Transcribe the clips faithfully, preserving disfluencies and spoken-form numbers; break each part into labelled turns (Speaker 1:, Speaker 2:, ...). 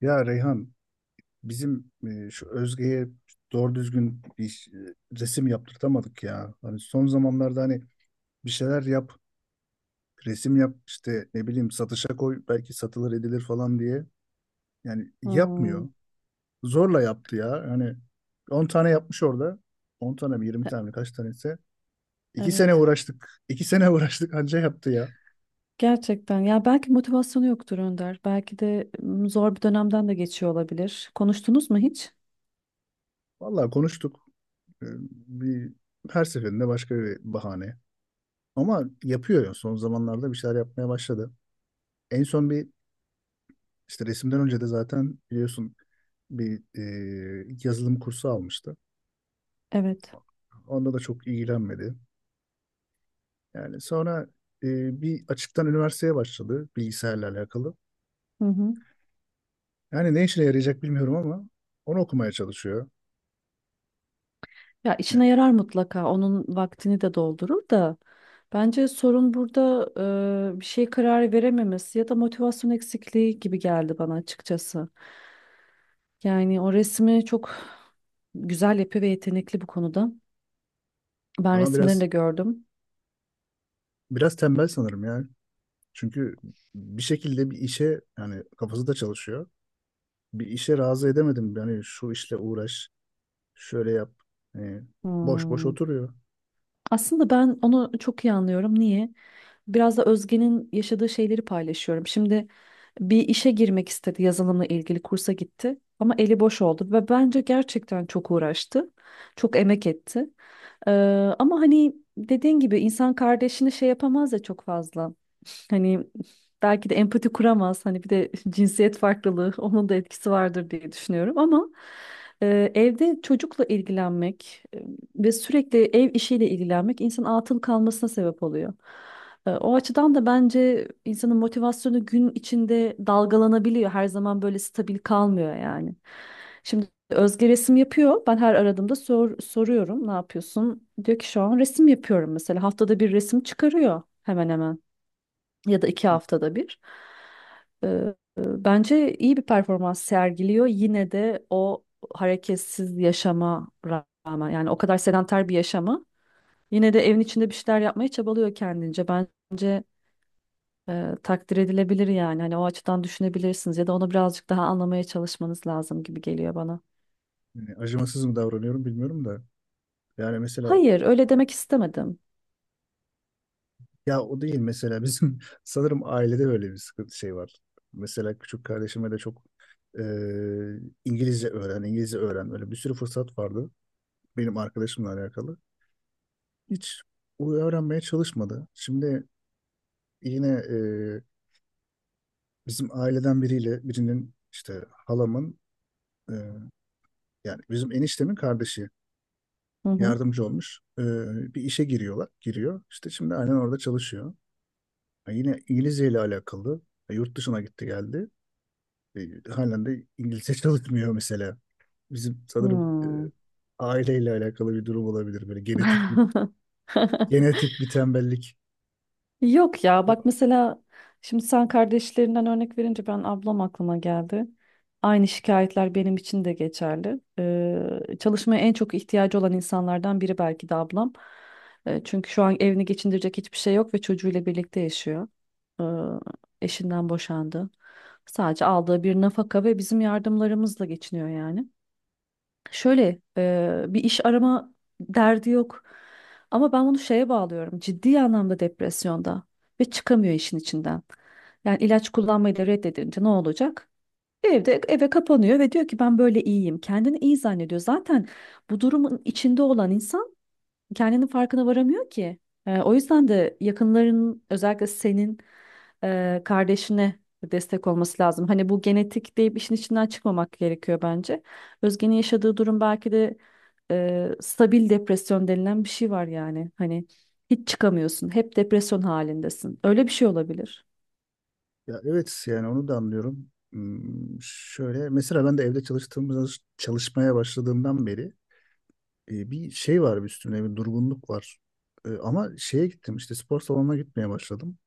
Speaker 1: Ya Reyhan, bizim e, şu Özge'ye doğru düzgün bir e, resim yaptırtamadık ya. Hani son zamanlarda hani bir şeyler yap, resim yap, işte ne bileyim satışa koy, belki satılır edilir falan diye. Yani
Speaker 2: Hmm,
Speaker 1: yapmıyor. Zorla yaptı ya. Hani on tane yapmış orada. On tane mi yirmi
Speaker 2: e-
Speaker 1: tane mi kaç tanesi? iki sene
Speaker 2: evet.
Speaker 1: uğraştık. iki sene uğraştık, anca yaptı ya.
Speaker 2: Gerçekten. Ya belki motivasyonu yoktur Önder. Belki de m, zor bir dönemden de geçiyor olabilir. Konuştunuz mu hiç?
Speaker 1: Vallahi konuştuk. E, bir, her seferinde başka bir bahane. Ama yapıyor ya, son zamanlarda bir şeyler yapmaya başladı. En son bir işte resimden önce de zaten biliyorsun bir e, yazılım kursu almıştı.
Speaker 2: Evet.
Speaker 1: Onda da çok ilgilenmedi. Yani sonra e, bir açıktan üniversiteye başladı bilgisayarla alakalı.
Speaker 2: Hı hı.
Speaker 1: Yani ne işine yarayacak bilmiyorum ama onu okumaya çalışıyor.
Speaker 2: Ya
Speaker 1: Yani,
Speaker 2: işine yarar mutlaka. Onun vaktini de doldurur da. Bence sorun burada e, bir şey karar verememesi ya da motivasyon eksikliği gibi geldi bana açıkçası. Yani o resmi çok güzel yapıyor ve yetenekli bu konuda. Ben
Speaker 1: ama
Speaker 2: resimlerini
Speaker 1: biraz
Speaker 2: de gördüm.
Speaker 1: biraz tembel sanırım ya. Çünkü bir şekilde bir işe, yani kafası da çalışıyor. Bir işe razı edemedim. Yani şu işle uğraş, şöyle yap. Hani boş boş
Speaker 2: Hmm.
Speaker 1: oturuyor.
Speaker 2: Aslında ben onu çok iyi anlıyorum. Niye? Biraz da Özge'nin yaşadığı şeyleri paylaşıyorum. Şimdi bir işe girmek istedi, yazılımla ilgili kursa gitti ama eli boş oldu ve bence gerçekten çok uğraştı, çok emek etti. Ee, Ama hani dediğin gibi insan kardeşini şey yapamaz ya çok fazla. Hani belki de empati kuramaz. Hani bir de cinsiyet farklılığı onun da etkisi vardır diye düşünüyorum ama e, evde çocukla ilgilenmek e, ve sürekli ev işiyle ilgilenmek insan atıl kalmasına sebep oluyor. E, o açıdan da bence insanın motivasyonu gün içinde dalgalanabiliyor. Her zaman böyle stabil kalmıyor yani. Şimdi Özge resim yapıyor. Ben her aradığımda sor- soruyorum, ne yapıyorsun? Diyor ki şu an resim yapıyorum mesela. Haftada bir resim çıkarıyor hemen hemen ya da iki haftada bir. Ee, e, Bence iyi bir performans sergiliyor. Yine de o hareketsiz yaşama rağmen yani o kadar sedanter bir yaşamı yine de evin içinde bir şeyler yapmaya çabalıyor kendince. Bence e, takdir edilebilir yani. Hani o açıdan düşünebilirsiniz ya da onu birazcık daha anlamaya çalışmanız lazım gibi geliyor bana.
Speaker 1: Yani acımasız mı davranıyorum bilmiyorum da. Yani mesela
Speaker 2: Hayır, öyle demek istemedim.
Speaker 1: ya o değil, mesela bizim sanırım ailede böyle bir sıkıntı şey var. Mesela küçük kardeşime de çok eee, İngilizce öğren, İngilizce öğren. Böyle bir sürü fırsat vardı benim arkadaşımla alakalı. Hiç o öğrenmeye çalışmadı. Şimdi yine bizim aileden biriyle birinin, işte halamın e, yani bizim eniştemin kardeşi
Speaker 2: Hı hı.
Speaker 1: yardımcı olmuş. E, bir işe giriyorlar. Giriyor. İşte şimdi aynen orada çalışıyor. Ha, yine İngilizce ile alakalı. Ha, yurt dışına gitti geldi. E, halen de İngilizce çalışmıyor mesela. Bizim sanırım e,
Speaker 2: Hmm.
Speaker 1: aileyle alakalı bir durum olabilir. Böyle genetik bir genetik bir tembellik.
Speaker 2: Yok ya bak
Speaker 1: O-
Speaker 2: mesela şimdi sen kardeşlerinden örnek verince ben ablam aklıma geldi. Aynı şikayetler benim için de geçerli. Ee, çalışmaya en çok ihtiyacı olan insanlardan biri belki de ablam. Ee, çünkü şu an evini geçindirecek hiçbir şey yok ve çocuğuyla birlikte yaşıyor. Ee, Eşinden boşandı. Sadece aldığı bir nafaka ve bizim yardımlarımızla geçiniyor yani. Şöyle e, bir iş arama derdi yok. Ama ben bunu şeye bağlıyorum. Ciddi anlamda depresyonda ve çıkamıyor işin içinden. Yani ilaç kullanmayı da reddedince ne olacak? Evde eve kapanıyor ve diyor ki ben böyle iyiyim. Kendini iyi zannediyor. Zaten bu durumun içinde olan insan kendinin farkına varamıyor ki. Ee, o yüzden de yakınların özellikle senin e, kardeşine destek olması lazım. Hani bu genetik deyip işin içinden çıkmamak gerekiyor bence. Özge'nin yaşadığı durum belki de e, stabil depresyon denilen bir şey var yani. Hani hiç çıkamıyorsun, hep depresyon halindesin. Öyle bir şey olabilir.
Speaker 1: Ya evet, yani onu da anlıyorum. Hmm, şöyle mesela ben de evde çalıştığımız çalışmaya başladığımdan beri e, bir şey var, bir üstümde bir durgunluk var. E, ama şeye gittim, işte spor salonuna gitmeye başladım.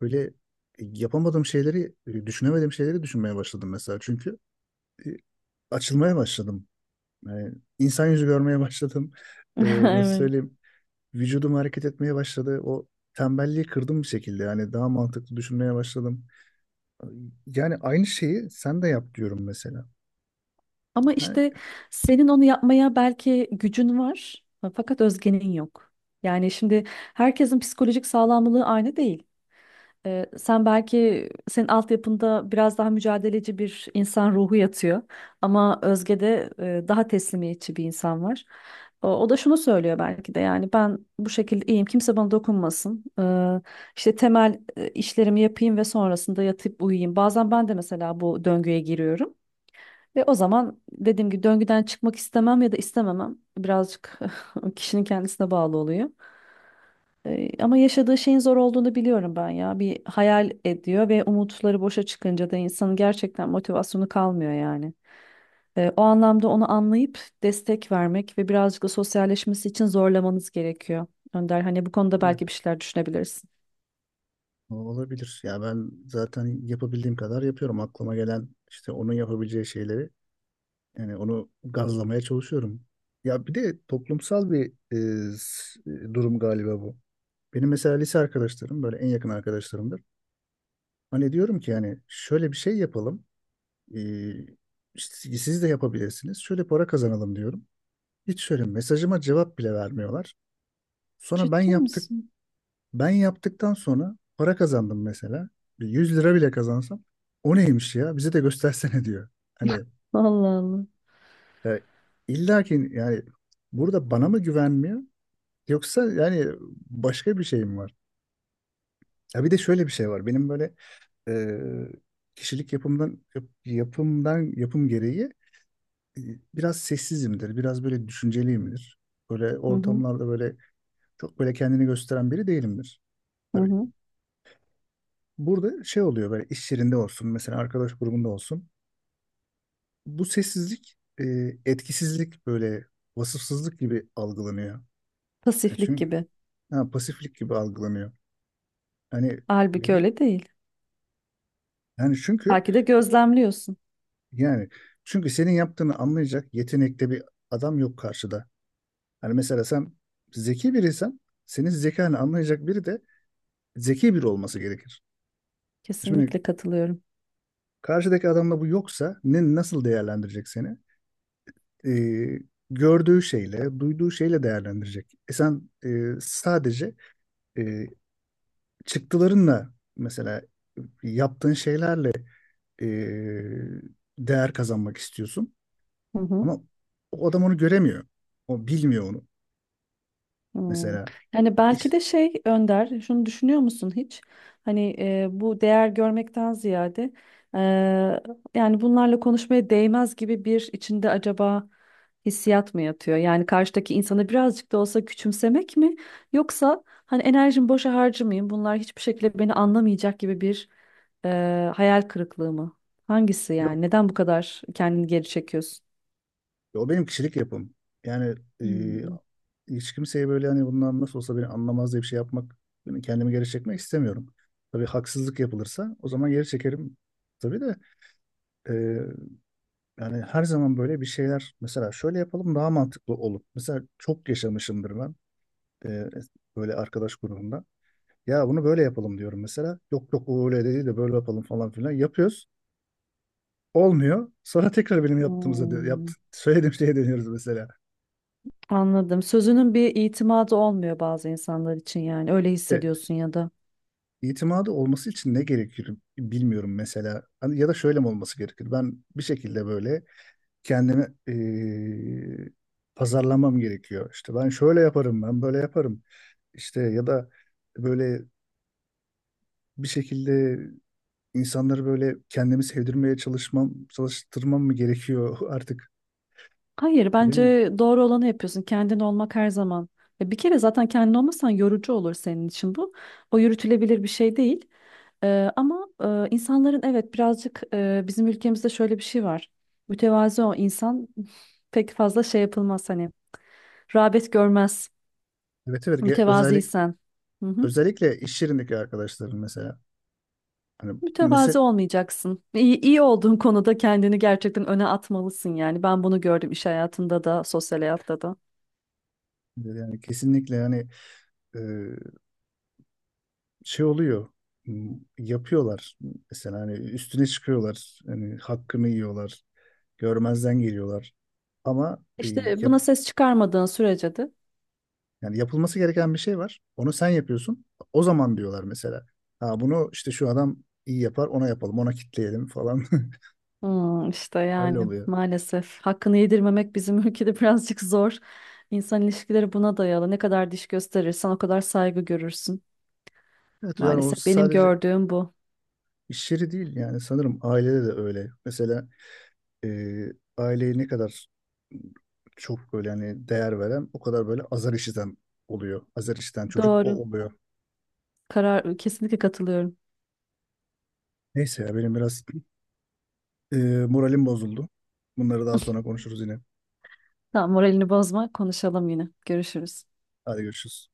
Speaker 1: Böyle e, yapamadığım şeyleri, e, düşünemediğim şeyleri düşünmeye başladım mesela. Çünkü e, açılmaya başladım. Yani insan yüzü görmeye başladım. E, nasıl
Speaker 2: Evet.
Speaker 1: söyleyeyim? Vücudum hareket etmeye başladı. O tembelliği kırdım bir şekilde. Yani daha mantıklı düşünmeye başladım. Yani aynı şeyi sen de yap diyorum mesela.
Speaker 2: Ama
Speaker 1: Yani,
Speaker 2: işte senin onu yapmaya belki gücün var, fakat Özge'nin yok. Yani şimdi herkesin psikolojik sağlamlığı aynı değil. Ee, sen belki senin altyapında biraz daha mücadeleci bir insan ruhu yatıyor ama Özge'de e, daha teslimiyetçi bir insan var. O, o da şunu söylüyor belki de yani ben bu şekilde iyiyim kimse bana dokunmasın. Ee, işte temel e, işlerimi yapayım ve sonrasında yatıp uyuyayım. Bazen ben de mesela bu döngüye giriyorum. Ve o zaman dediğim gibi döngüden çıkmak istemem ya da istememem birazcık kişinin kendisine bağlı oluyor. Ee, ama yaşadığı şeyin zor olduğunu biliyorum ben ya. Bir hayal ediyor ve umutları boşa çıkınca da insanın gerçekten motivasyonu kalmıyor yani. Ee, o anlamda onu anlayıp destek vermek ve birazcık da sosyalleşmesi için zorlamanız gerekiyor. Önder hani bu konuda belki bir şeyler düşünebilirsin.
Speaker 1: olabilir. Ya ben zaten yapabildiğim kadar yapıyorum. Aklıma gelen işte onun yapabileceği şeyleri, yani onu gazlamaya çalışıyorum. Ya bir de toplumsal bir e, s- e, durum galiba bu. Benim mesela lise arkadaşlarım böyle en yakın arkadaşlarımdır. Hani diyorum ki, yani şöyle bir şey yapalım. Ee, işte siz de yapabilirsiniz. Şöyle para kazanalım diyorum. Hiç şöyle mesajıma cevap bile vermiyorlar. Sonra ben
Speaker 2: Ciddi
Speaker 1: yaptık
Speaker 2: misin?
Speaker 1: Ben yaptıktan sonra para kazandım mesela. Bir yüz lira bile kazansam, o neymiş ya, bize de göstersene diyor. Hani
Speaker 2: Allah Allah.
Speaker 1: e, illa ki yani burada bana mı güvenmiyor, yoksa yani başka bir şey mi var? Ya bir de şöyle bir şey var. Benim böyle e, kişilik yapımdan yap- yapımdan yapım gereği e, biraz sessizimdir. Biraz böyle düşünceliyimdir. Böyle
Speaker 2: Hı hı,
Speaker 1: ortamlarda böyle çok böyle kendini gösteren biri değilimdir.
Speaker 2: hı
Speaker 1: Tabii.
Speaker 2: hı.
Speaker 1: Burada şey oluyor, böyle iş yerinde olsun, mesela arkadaş grubunda olsun. Bu sessizlik, e, etkisizlik, böyle vasıfsızlık gibi algılanıyor. E
Speaker 2: Pasiflik
Speaker 1: çünkü
Speaker 2: gibi.
Speaker 1: ha, pasiflik gibi algılanıyor. Hani ne
Speaker 2: Halbuki
Speaker 1: bileyim,
Speaker 2: öyle değil.
Speaker 1: yani çünkü
Speaker 2: Belki de gözlemliyorsun.
Speaker 1: yani çünkü senin yaptığını anlayacak yetenekte bir adam yok karşıda. Hani mesela sen zeki biriysen, senin zekanı anlayacak biri de zeki biri olması gerekir. Şimdi
Speaker 2: Kesinlikle katılıyorum.
Speaker 1: karşıdaki adamda bu yoksa, ne, nasıl değerlendirecek seni? e, Gördüğü şeyle, duyduğu şeyle değerlendirecek. E sen, e, sadece e, çıktılarınla, mesela yaptığın şeylerle e, değer kazanmak istiyorsun.
Speaker 2: Hı hı.
Speaker 1: Ama o adam onu göremiyor. O bilmiyor onu.
Speaker 2: Hmm.
Speaker 1: Mesela
Speaker 2: Yani
Speaker 1: hiç,
Speaker 2: belki de şey Önder, şunu düşünüyor musun hiç? Hani e, bu değer görmekten ziyade e, yani bunlarla konuşmaya değmez gibi bir içinde acaba hissiyat mı yatıyor? Yani karşıdaki insanı birazcık da olsa küçümsemek mi? Yoksa hani enerjimi boşa harcamayayım, bunlar hiçbir şekilde beni anlamayacak gibi bir e, hayal kırıklığı mı? Hangisi
Speaker 1: yok,
Speaker 2: yani? Neden bu kadar kendini geri çekiyorsun?
Speaker 1: o benim kişilik yapım. Yani e,
Speaker 2: Hmm.
Speaker 1: hiç kimseye böyle, hani bundan nasıl olsa beni anlamaz diye bir şey yapmak, yani kendimi geri çekmek istemiyorum. Tabii haksızlık yapılırsa o zaman geri çekerim, tabii de. Yani her zaman böyle bir şeyler, mesela şöyle yapalım, daha mantıklı olup mesela çok yaşamışımdır ben e, böyle arkadaş grubunda. Ya bunu böyle yapalım diyorum mesela. Yok yok, o öyle değil de böyle yapalım falan filan. Yapıyoruz. Olmuyor. Sonra tekrar benim yaptığımıza dö- yaptı,
Speaker 2: Hmm.
Speaker 1: söylediğim şeye dönüyoruz mesela.
Speaker 2: Anladım. Sözünün bir itimadı olmuyor bazı insanlar için yani. Öyle
Speaker 1: E,
Speaker 2: hissediyorsun ya da.
Speaker 1: itimadı olması için ne gerekir bilmiyorum mesela. Hani ya da şöyle mi olması gerekir? Ben bir şekilde böyle kendimi eee, pazarlamam gerekiyor. İşte ben şöyle yaparım, ben böyle yaparım. İşte ya da böyle bir şekilde insanları böyle kendimi sevdirmeye çalışmam, çalıştırmam mı gerekiyor artık
Speaker 2: Hayır,
Speaker 1: bilemiyorum.
Speaker 2: bence doğru olanı yapıyorsun. Kendin olmak her zaman. E, Bir kere zaten kendin olmasan yorucu olur senin için bu. O yürütülebilir bir şey değil. E, ama e, insanların evet birazcık e, bizim ülkemizde şöyle bir şey var. Mütevazi o insan pek fazla şey yapılmaz hani. Rağbet görmez
Speaker 1: Evet, evet. Ge- özellik
Speaker 2: mütevaziysen. Hı hı.
Speaker 1: özellikle iş yerindeki arkadaşlarım, mesela hani
Speaker 2: Mütevazi
Speaker 1: mesela
Speaker 2: olmayacaksın. İyi, iyi olduğun konuda kendini gerçekten öne atmalısın yani. Ben bunu gördüm iş hayatında da, sosyal hayatta da.
Speaker 1: yani kesinlikle hani eee, şey oluyor, m, yapıyorlar mesela. Hani üstüne çıkıyorlar, hani hakkını yiyorlar, görmezden geliyorlar. Ama e,
Speaker 2: İşte
Speaker 1: yap,
Speaker 2: buna ses çıkarmadığın sürece de.
Speaker 1: yani yapılması gereken bir şey var. Onu sen yapıyorsun. O zaman diyorlar mesela. Ha, bunu işte şu adam iyi yapar, ona yapalım, ona kitleyelim falan.
Speaker 2: Hmm, işte
Speaker 1: Öyle
Speaker 2: yani
Speaker 1: oluyor.
Speaker 2: maalesef hakkını yedirmemek bizim ülkede birazcık zor. İnsan ilişkileri buna dayalı. Ne kadar diş gösterirsen o kadar saygı görürsün.
Speaker 1: Evet, yani o
Speaker 2: Maalesef benim
Speaker 1: sadece
Speaker 2: gördüğüm bu.
Speaker 1: iş yeri değil, yani sanırım ailede de öyle. Mesela e, aileyi ne kadar çok böyle hani değer veren, o kadar böyle azar işiten oluyor. Azar işiten çocuk
Speaker 2: Doğru.
Speaker 1: o oluyor.
Speaker 2: Karar kesinlikle katılıyorum.
Speaker 1: Neyse ya, benim biraz e, moralim bozuldu. Bunları daha sonra konuşuruz yine.
Speaker 2: Tamam, moralini bozma. Konuşalım yine. Görüşürüz.
Speaker 1: Hadi görüşürüz.